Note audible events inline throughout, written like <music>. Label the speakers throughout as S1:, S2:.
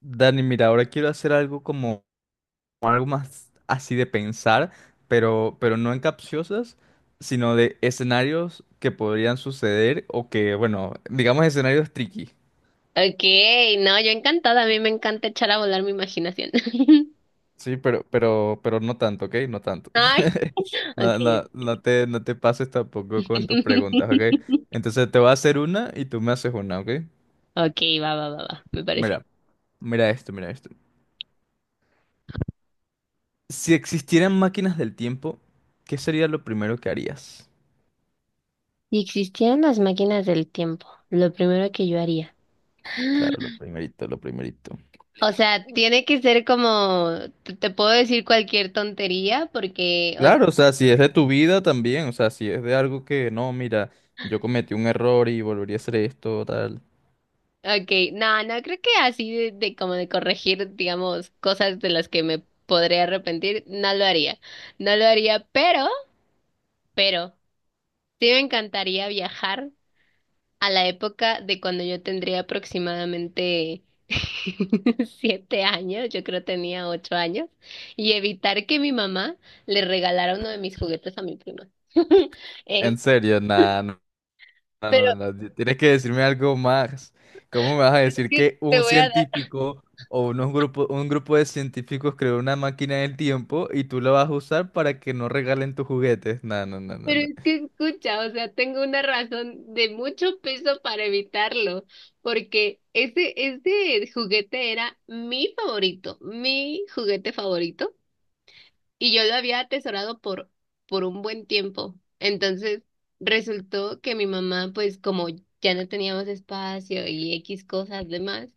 S1: Dani, mira, ahora quiero hacer algo como algo más así de pensar, pero no en capciosas, sino de escenarios que podrían suceder o que, bueno, digamos escenarios tricky.
S2: Ok, no, yo encantada, a mí me encanta echar a volar mi imaginación. <laughs>
S1: Sí, pero no tanto, ¿ok? No tanto.
S2: Ay,
S1: <laughs>
S2: ok.
S1: No te pases tampoco con tus preguntas, ¿ok?
S2: <laughs>
S1: Entonces te voy a hacer una y tú me haces una, ¿ok?
S2: Ok, va, va, va, va, me parece.
S1: Mira, mira esto. Si existieran máquinas del tiempo, ¿qué sería lo primero que harías?
S2: Si existieran las máquinas del tiempo, lo primero que yo haría.
S1: Claro, lo
S2: <gasps>
S1: primerito, lo primerito.
S2: O sea, tiene que ser como, te puedo decir cualquier tontería porque, o
S1: Claro, o sea, si es de tu vida también, o sea, si es de algo que no, mira, yo cometí un error y volvería a hacer esto, tal.
S2: sea, ok, no, no, creo que así de como de corregir, digamos, cosas de las que me podría arrepentir, no lo haría, no lo haría, pero, sí me encantaría viajar a la época de cuando yo tendría aproximadamente <laughs> 7 años, yo creo tenía 8 años, y evitar que mi mamá le regalara uno de mis juguetes a mi prima. Es,
S1: En serio, nada, no, no,
S2: pero
S1: no, no, no, tienes que decirme algo más. ¿Cómo me vas a
S2: es
S1: decir
S2: que
S1: que
S2: te
S1: un
S2: voy a dar,
S1: científico o un grupo de científicos creó una máquina del tiempo y tú la vas a usar para que no regalen tus juguetes? No, no, no, no,
S2: pero
S1: no.
S2: es que escucha, o sea, tengo una razón de mucho peso para evitarlo, porque ese juguete era mi favorito, mi juguete favorito. Y yo lo había atesorado por un buen tiempo. Entonces, resultó que mi mamá, pues como ya no teníamos espacio y X cosas demás,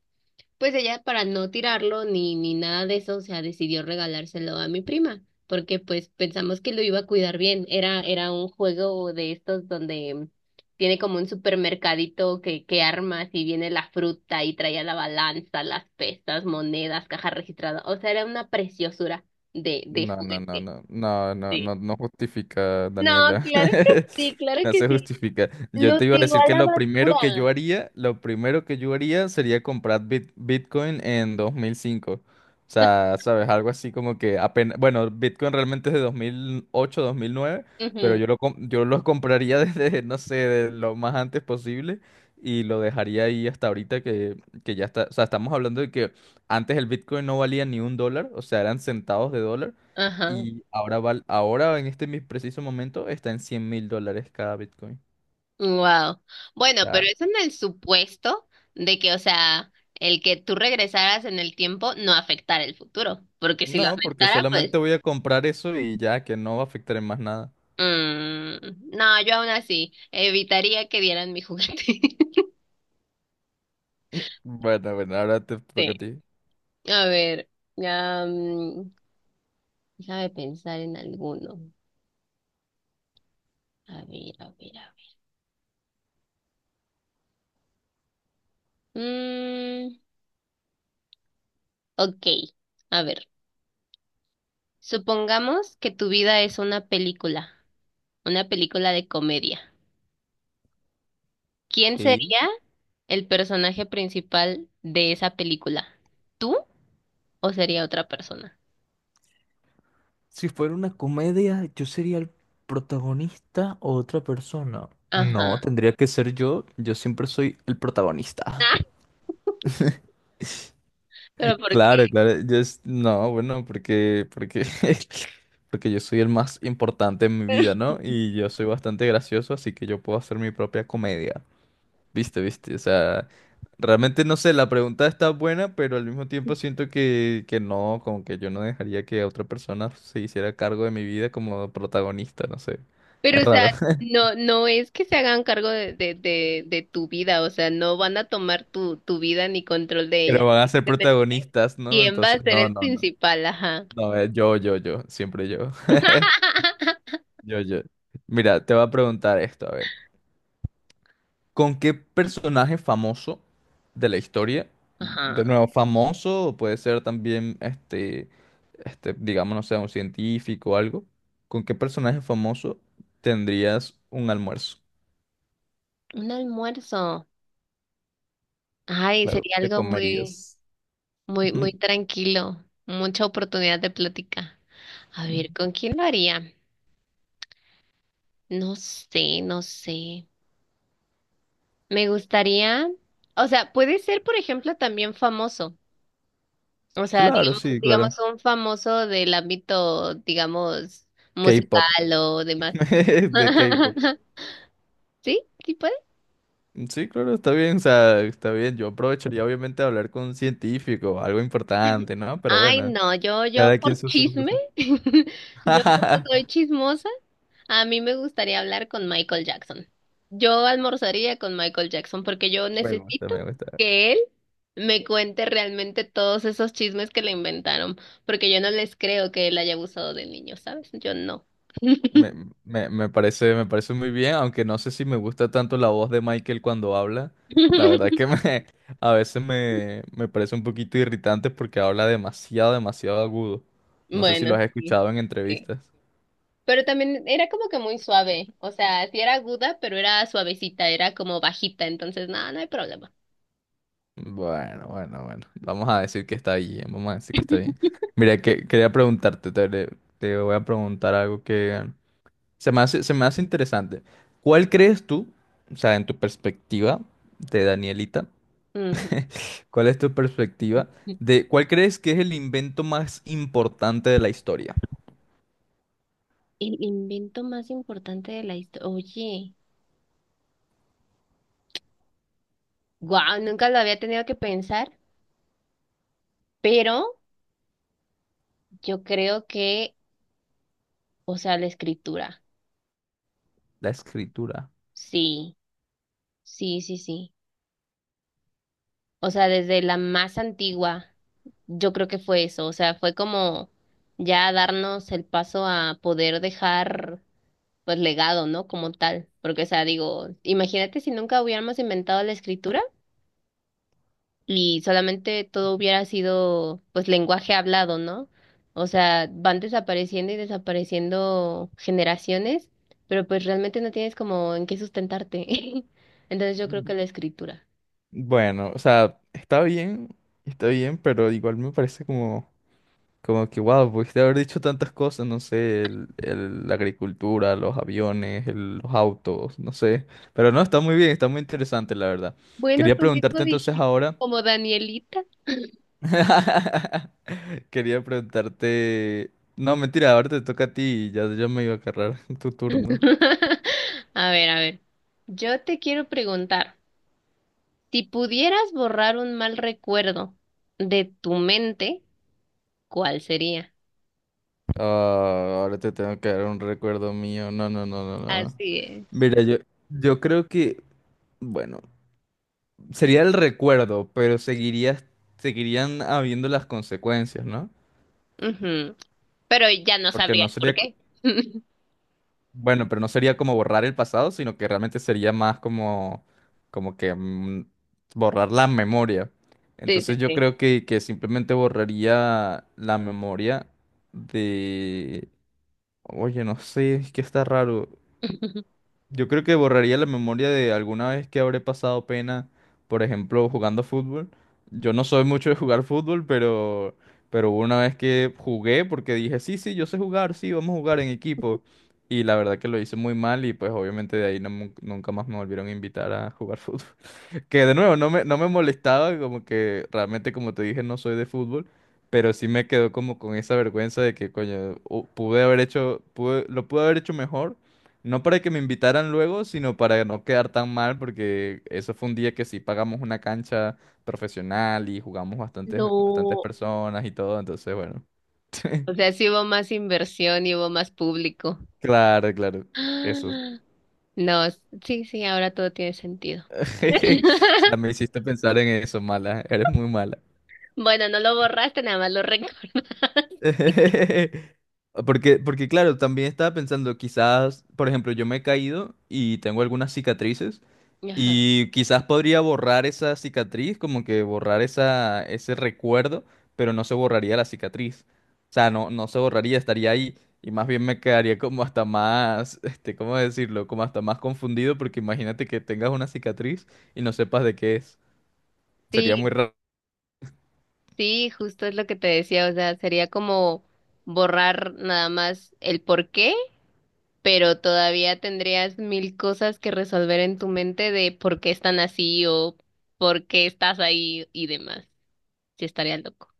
S2: pues ella para no tirarlo ni nada de eso, o sea, decidió regalárselo a mi prima, porque pues pensamos que lo iba a cuidar bien. Era un juego de estos donde tiene como un supermercadito que armas y viene la fruta y traía la balanza, las pesas, monedas, caja registrada. O sea, era una preciosura de
S1: No, no, no,
S2: juguete.
S1: no, no, no,
S2: Sí.
S1: no, no justifica,
S2: No,
S1: Daniela.
S2: claro que sí,
S1: <laughs>
S2: claro
S1: No
S2: que
S1: se
S2: sí.
S1: justifica. Yo
S2: Lo
S1: te iba a
S2: tiró
S1: decir
S2: a
S1: que
S2: la
S1: lo
S2: basura.
S1: primero que yo haría, lo primero que yo haría sería comprar Bitcoin en 2005. O sea, sabes, algo así como que apenas, bueno, Bitcoin realmente es de 2008, 2009, pero
S2: Ujú.
S1: yo lo compraría <laughs> desde, no sé, de lo más antes posible y lo dejaría ahí hasta ahorita que ya está, o sea, estamos hablando de que antes el Bitcoin no valía ni un dólar, o sea, eran centavos de dólar.
S2: Ajá.
S1: Y ahora, ahora en este preciso momento está en $100.000 cada Bitcoin.
S2: Wow.
S1: O
S2: Bueno, pero
S1: sea,
S2: es en el supuesto de que, o sea, el que tú regresaras en el tiempo no afectara el futuro, porque si lo
S1: no, porque
S2: afectara, pues,
S1: solamente voy a comprar eso y ya, que no va a afectar en más nada.
S2: no, yo aún así evitaría que dieran mi juguete. <laughs>
S1: Bueno, bueno, ahora te toca
S2: Sí.
S1: a ti.
S2: A ver, ya, déjame pensar en alguno. A ver, a ver, a ver. Mm, ok, a ver. Supongamos que tu vida es una película de comedia. ¿Quién
S1: Ok.
S2: sería el personaje principal de esa película? ¿Tú o sería otra persona?
S1: Si fuera una comedia, ¿yo sería el protagonista o otra persona?
S2: Ajá.
S1: No, tendría que ser yo. Yo siempre soy el protagonista.
S2: Ah, ¿pero por qué?
S1: Claro, claro. No, bueno, porque <laughs> porque yo soy el más importante en mi vida, ¿no? Y yo soy bastante gracioso, así que yo puedo hacer mi propia comedia. Viste, viste. O sea, realmente no sé, la pregunta está buena, pero al mismo tiempo siento que no, como que yo no dejaría que otra persona se hiciera cargo de mi vida como protagonista, no sé.
S2: Pero,
S1: Es
S2: o sea,
S1: raro. <laughs>
S2: no, no es que se hagan cargo de tu vida, o sea, no van a tomar tu, tu vida ni control de ella.
S1: Pero van a ser
S2: Simplemente,
S1: protagonistas, ¿no?
S2: ¿quién va a
S1: Entonces,
S2: ser
S1: no,
S2: el
S1: no, no.
S2: principal? Ajá.
S1: No, yo, siempre yo. <laughs>
S2: <laughs>
S1: Yo, yo. Mira, te voy a preguntar esto, a ver. ¿Con qué personaje famoso de la historia?
S2: Ajá.
S1: De nuevo, famoso, o puede ser también digamos, no sé, un científico o algo. ¿Con qué personaje famoso tendrías un almuerzo?
S2: Un almuerzo. Ay,
S1: Claro,
S2: sería
S1: te
S2: algo muy...
S1: comerías. <laughs>
S2: muy, muy
S1: Ujú,
S2: tranquilo, mucha oportunidad de plática. A
S1: ujú.
S2: ver, ¿con quién lo haría? No sé, no sé. Me gustaría, o sea, puede ser, por ejemplo, también famoso. O sea,
S1: Claro,
S2: digamos,
S1: sí,
S2: digamos
S1: claro.
S2: un famoso del ámbito, digamos,
S1: K-pop.
S2: musical o demás.
S1: <laughs> De K-pop.
S2: <laughs> ¿Sí? ¿Sí?
S1: Sí, claro, está bien, o sea, está bien. Yo aprovecharía obviamente hablar con un científico, algo importante, ¿no? Pero
S2: Ay,
S1: bueno.
S2: no, yo
S1: Cada quien
S2: por
S1: sus
S2: chisme,
S1: gustos.
S2: <laughs> yo porque soy
S1: <laughs>
S2: chismosa, a mí me gustaría hablar con Michael Jackson. Yo almorzaría con Michael Jackson porque yo
S1: Me gusta,
S2: necesito
S1: me gusta.
S2: que él me cuente realmente todos esos chismes que le inventaron, porque yo no les creo que él haya abusado de niños, ¿sabes? Yo no.
S1: Me, me parece muy bien, aunque no sé si me gusta tanto la voz de Michael cuando habla. La verdad
S2: <laughs>
S1: que me, <laughs> a veces me, me parece un poquito irritante porque habla demasiado, demasiado agudo. No sé si
S2: Bueno,
S1: lo has
S2: sí,
S1: escuchado en
S2: sí.
S1: entrevistas.
S2: Pero también era como que muy suave, o sea, sí era aguda, pero era suavecita, era como bajita, entonces nada, no hay problema.
S1: Bueno, bueno, bueno. Vamos a decir que está bien, vamos a decir que está bien. Mira, quería preguntarte, te voy a preguntar algo que se me hace, se me hace interesante. ¿Cuál crees tú, o sea, en tu perspectiva de Danielita,
S2: Ujú.
S1: <laughs> cuál es tu perspectiva de cuál crees que es el invento más importante de la historia?
S2: El invento más importante de la historia. Oye, wow, nunca lo había tenido que pensar, pero yo creo que, o sea, la escritura.
S1: La escritura.
S2: Sí, sí, sí, sí. O sea, desde la más antigua, yo creo que fue eso. O sea, fue como ya darnos el paso a poder dejar, pues, legado, ¿no? Como tal. Porque, o sea, digo, imagínate si nunca hubiéramos inventado la escritura. Y solamente todo hubiera sido pues lenguaje hablado, ¿no? O sea, van desapareciendo y desapareciendo generaciones, pero pues realmente no tienes como en qué sustentarte. <laughs> Entonces yo creo que la escritura.
S1: Bueno, o sea, está bien, pero igual me parece como, como que, wow, pudiste haber dicho tantas cosas, no sé, la agricultura, los aviones, los autos, no sé. Pero no, está muy bien, está muy interesante, la verdad.
S2: Bueno,
S1: Quería
S2: tú mismo
S1: preguntarte entonces
S2: dijiste
S1: ahora.
S2: como Danielita.
S1: Quería preguntarte. No, mentira, ahora te toca a ti y ya yo me iba a agarrar <laughs> tu turno.
S2: <laughs> A ver, a ver. Yo te quiero preguntar, si pudieras borrar un mal recuerdo de tu mente, ¿cuál sería?
S1: Ah, ahora te tengo que dar un recuerdo mío. No, no, no, no, no.
S2: Así es.
S1: Mira, yo creo que, bueno, sería el recuerdo, pero seguiría, seguirían habiendo las consecuencias, ¿no?
S2: Ujú. Pero ya no
S1: Porque no
S2: sabrías por
S1: sería.
S2: qué. <laughs>
S1: Bueno, pero no sería como borrar el pasado, sino que realmente sería más como, como que borrar la memoria.
S2: Sí,
S1: Entonces
S2: sí,
S1: yo
S2: sí.
S1: creo que simplemente borraría la memoria de... Oye, no sé, es que está raro.
S2: <laughs>
S1: Yo creo que borraría la memoria de alguna vez que habré pasado pena, por ejemplo, jugando fútbol. Yo no soy mucho de jugar fútbol, pero hubo una vez que jugué porque dije, sí, sí, yo sé jugar, sí, vamos a jugar en equipo. Y la verdad que lo hice muy mal y pues obviamente de ahí nunca más me volvieron a invitar a jugar <laughs> fútbol. Que de nuevo, no me molestaba, como que realmente, como te dije, no soy de fútbol, pero sí me quedó como con esa vergüenza de que, coño, pude haber hecho, lo pude haber hecho mejor, no para que me invitaran luego, sino para no quedar tan mal, porque eso fue un día que sí pagamos una cancha profesional y jugamos bastantes, bastantes
S2: No,
S1: personas y todo, entonces, bueno,
S2: o sea, sí hubo más inversión y hubo más público. <gasps>
S1: claro, claro, eso.
S2: Ah, no, sí, sí, ahora todo tiene sentido.
S1: <laughs> O
S2: <laughs>
S1: sea, me hiciste pensar en eso, mala, eres muy mala.
S2: Bueno, no lo borraste, nada más lo <laughs> recuerdas.
S1: <laughs> Porque, porque claro, también estaba pensando, quizás, por ejemplo, yo me he caído y tengo algunas cicatrices
S2: Ajá.
S1: y quizás podría borrar esa cicatriz, como que borrar esa, ese recuerdo, pero no se borraría la cicatriz. O sea, no, no se borraría, estaría ahí y más bien me quedaría como hasta más, <laughs> este, ¿cómo decirlo? Como hasta más confundido porque imagínate que tengas una cicatriz y no sepas de qué es.
S2: Sí,
S1: Sería muy raro.
S2: sí, justo es lo que te decía, o sea, sería como borrar nada más el por qué, pero todavía tendrías mil cosas que resolver en tu mente de por qué están así o por qué estás ahí y demás. Sí, estaría loco.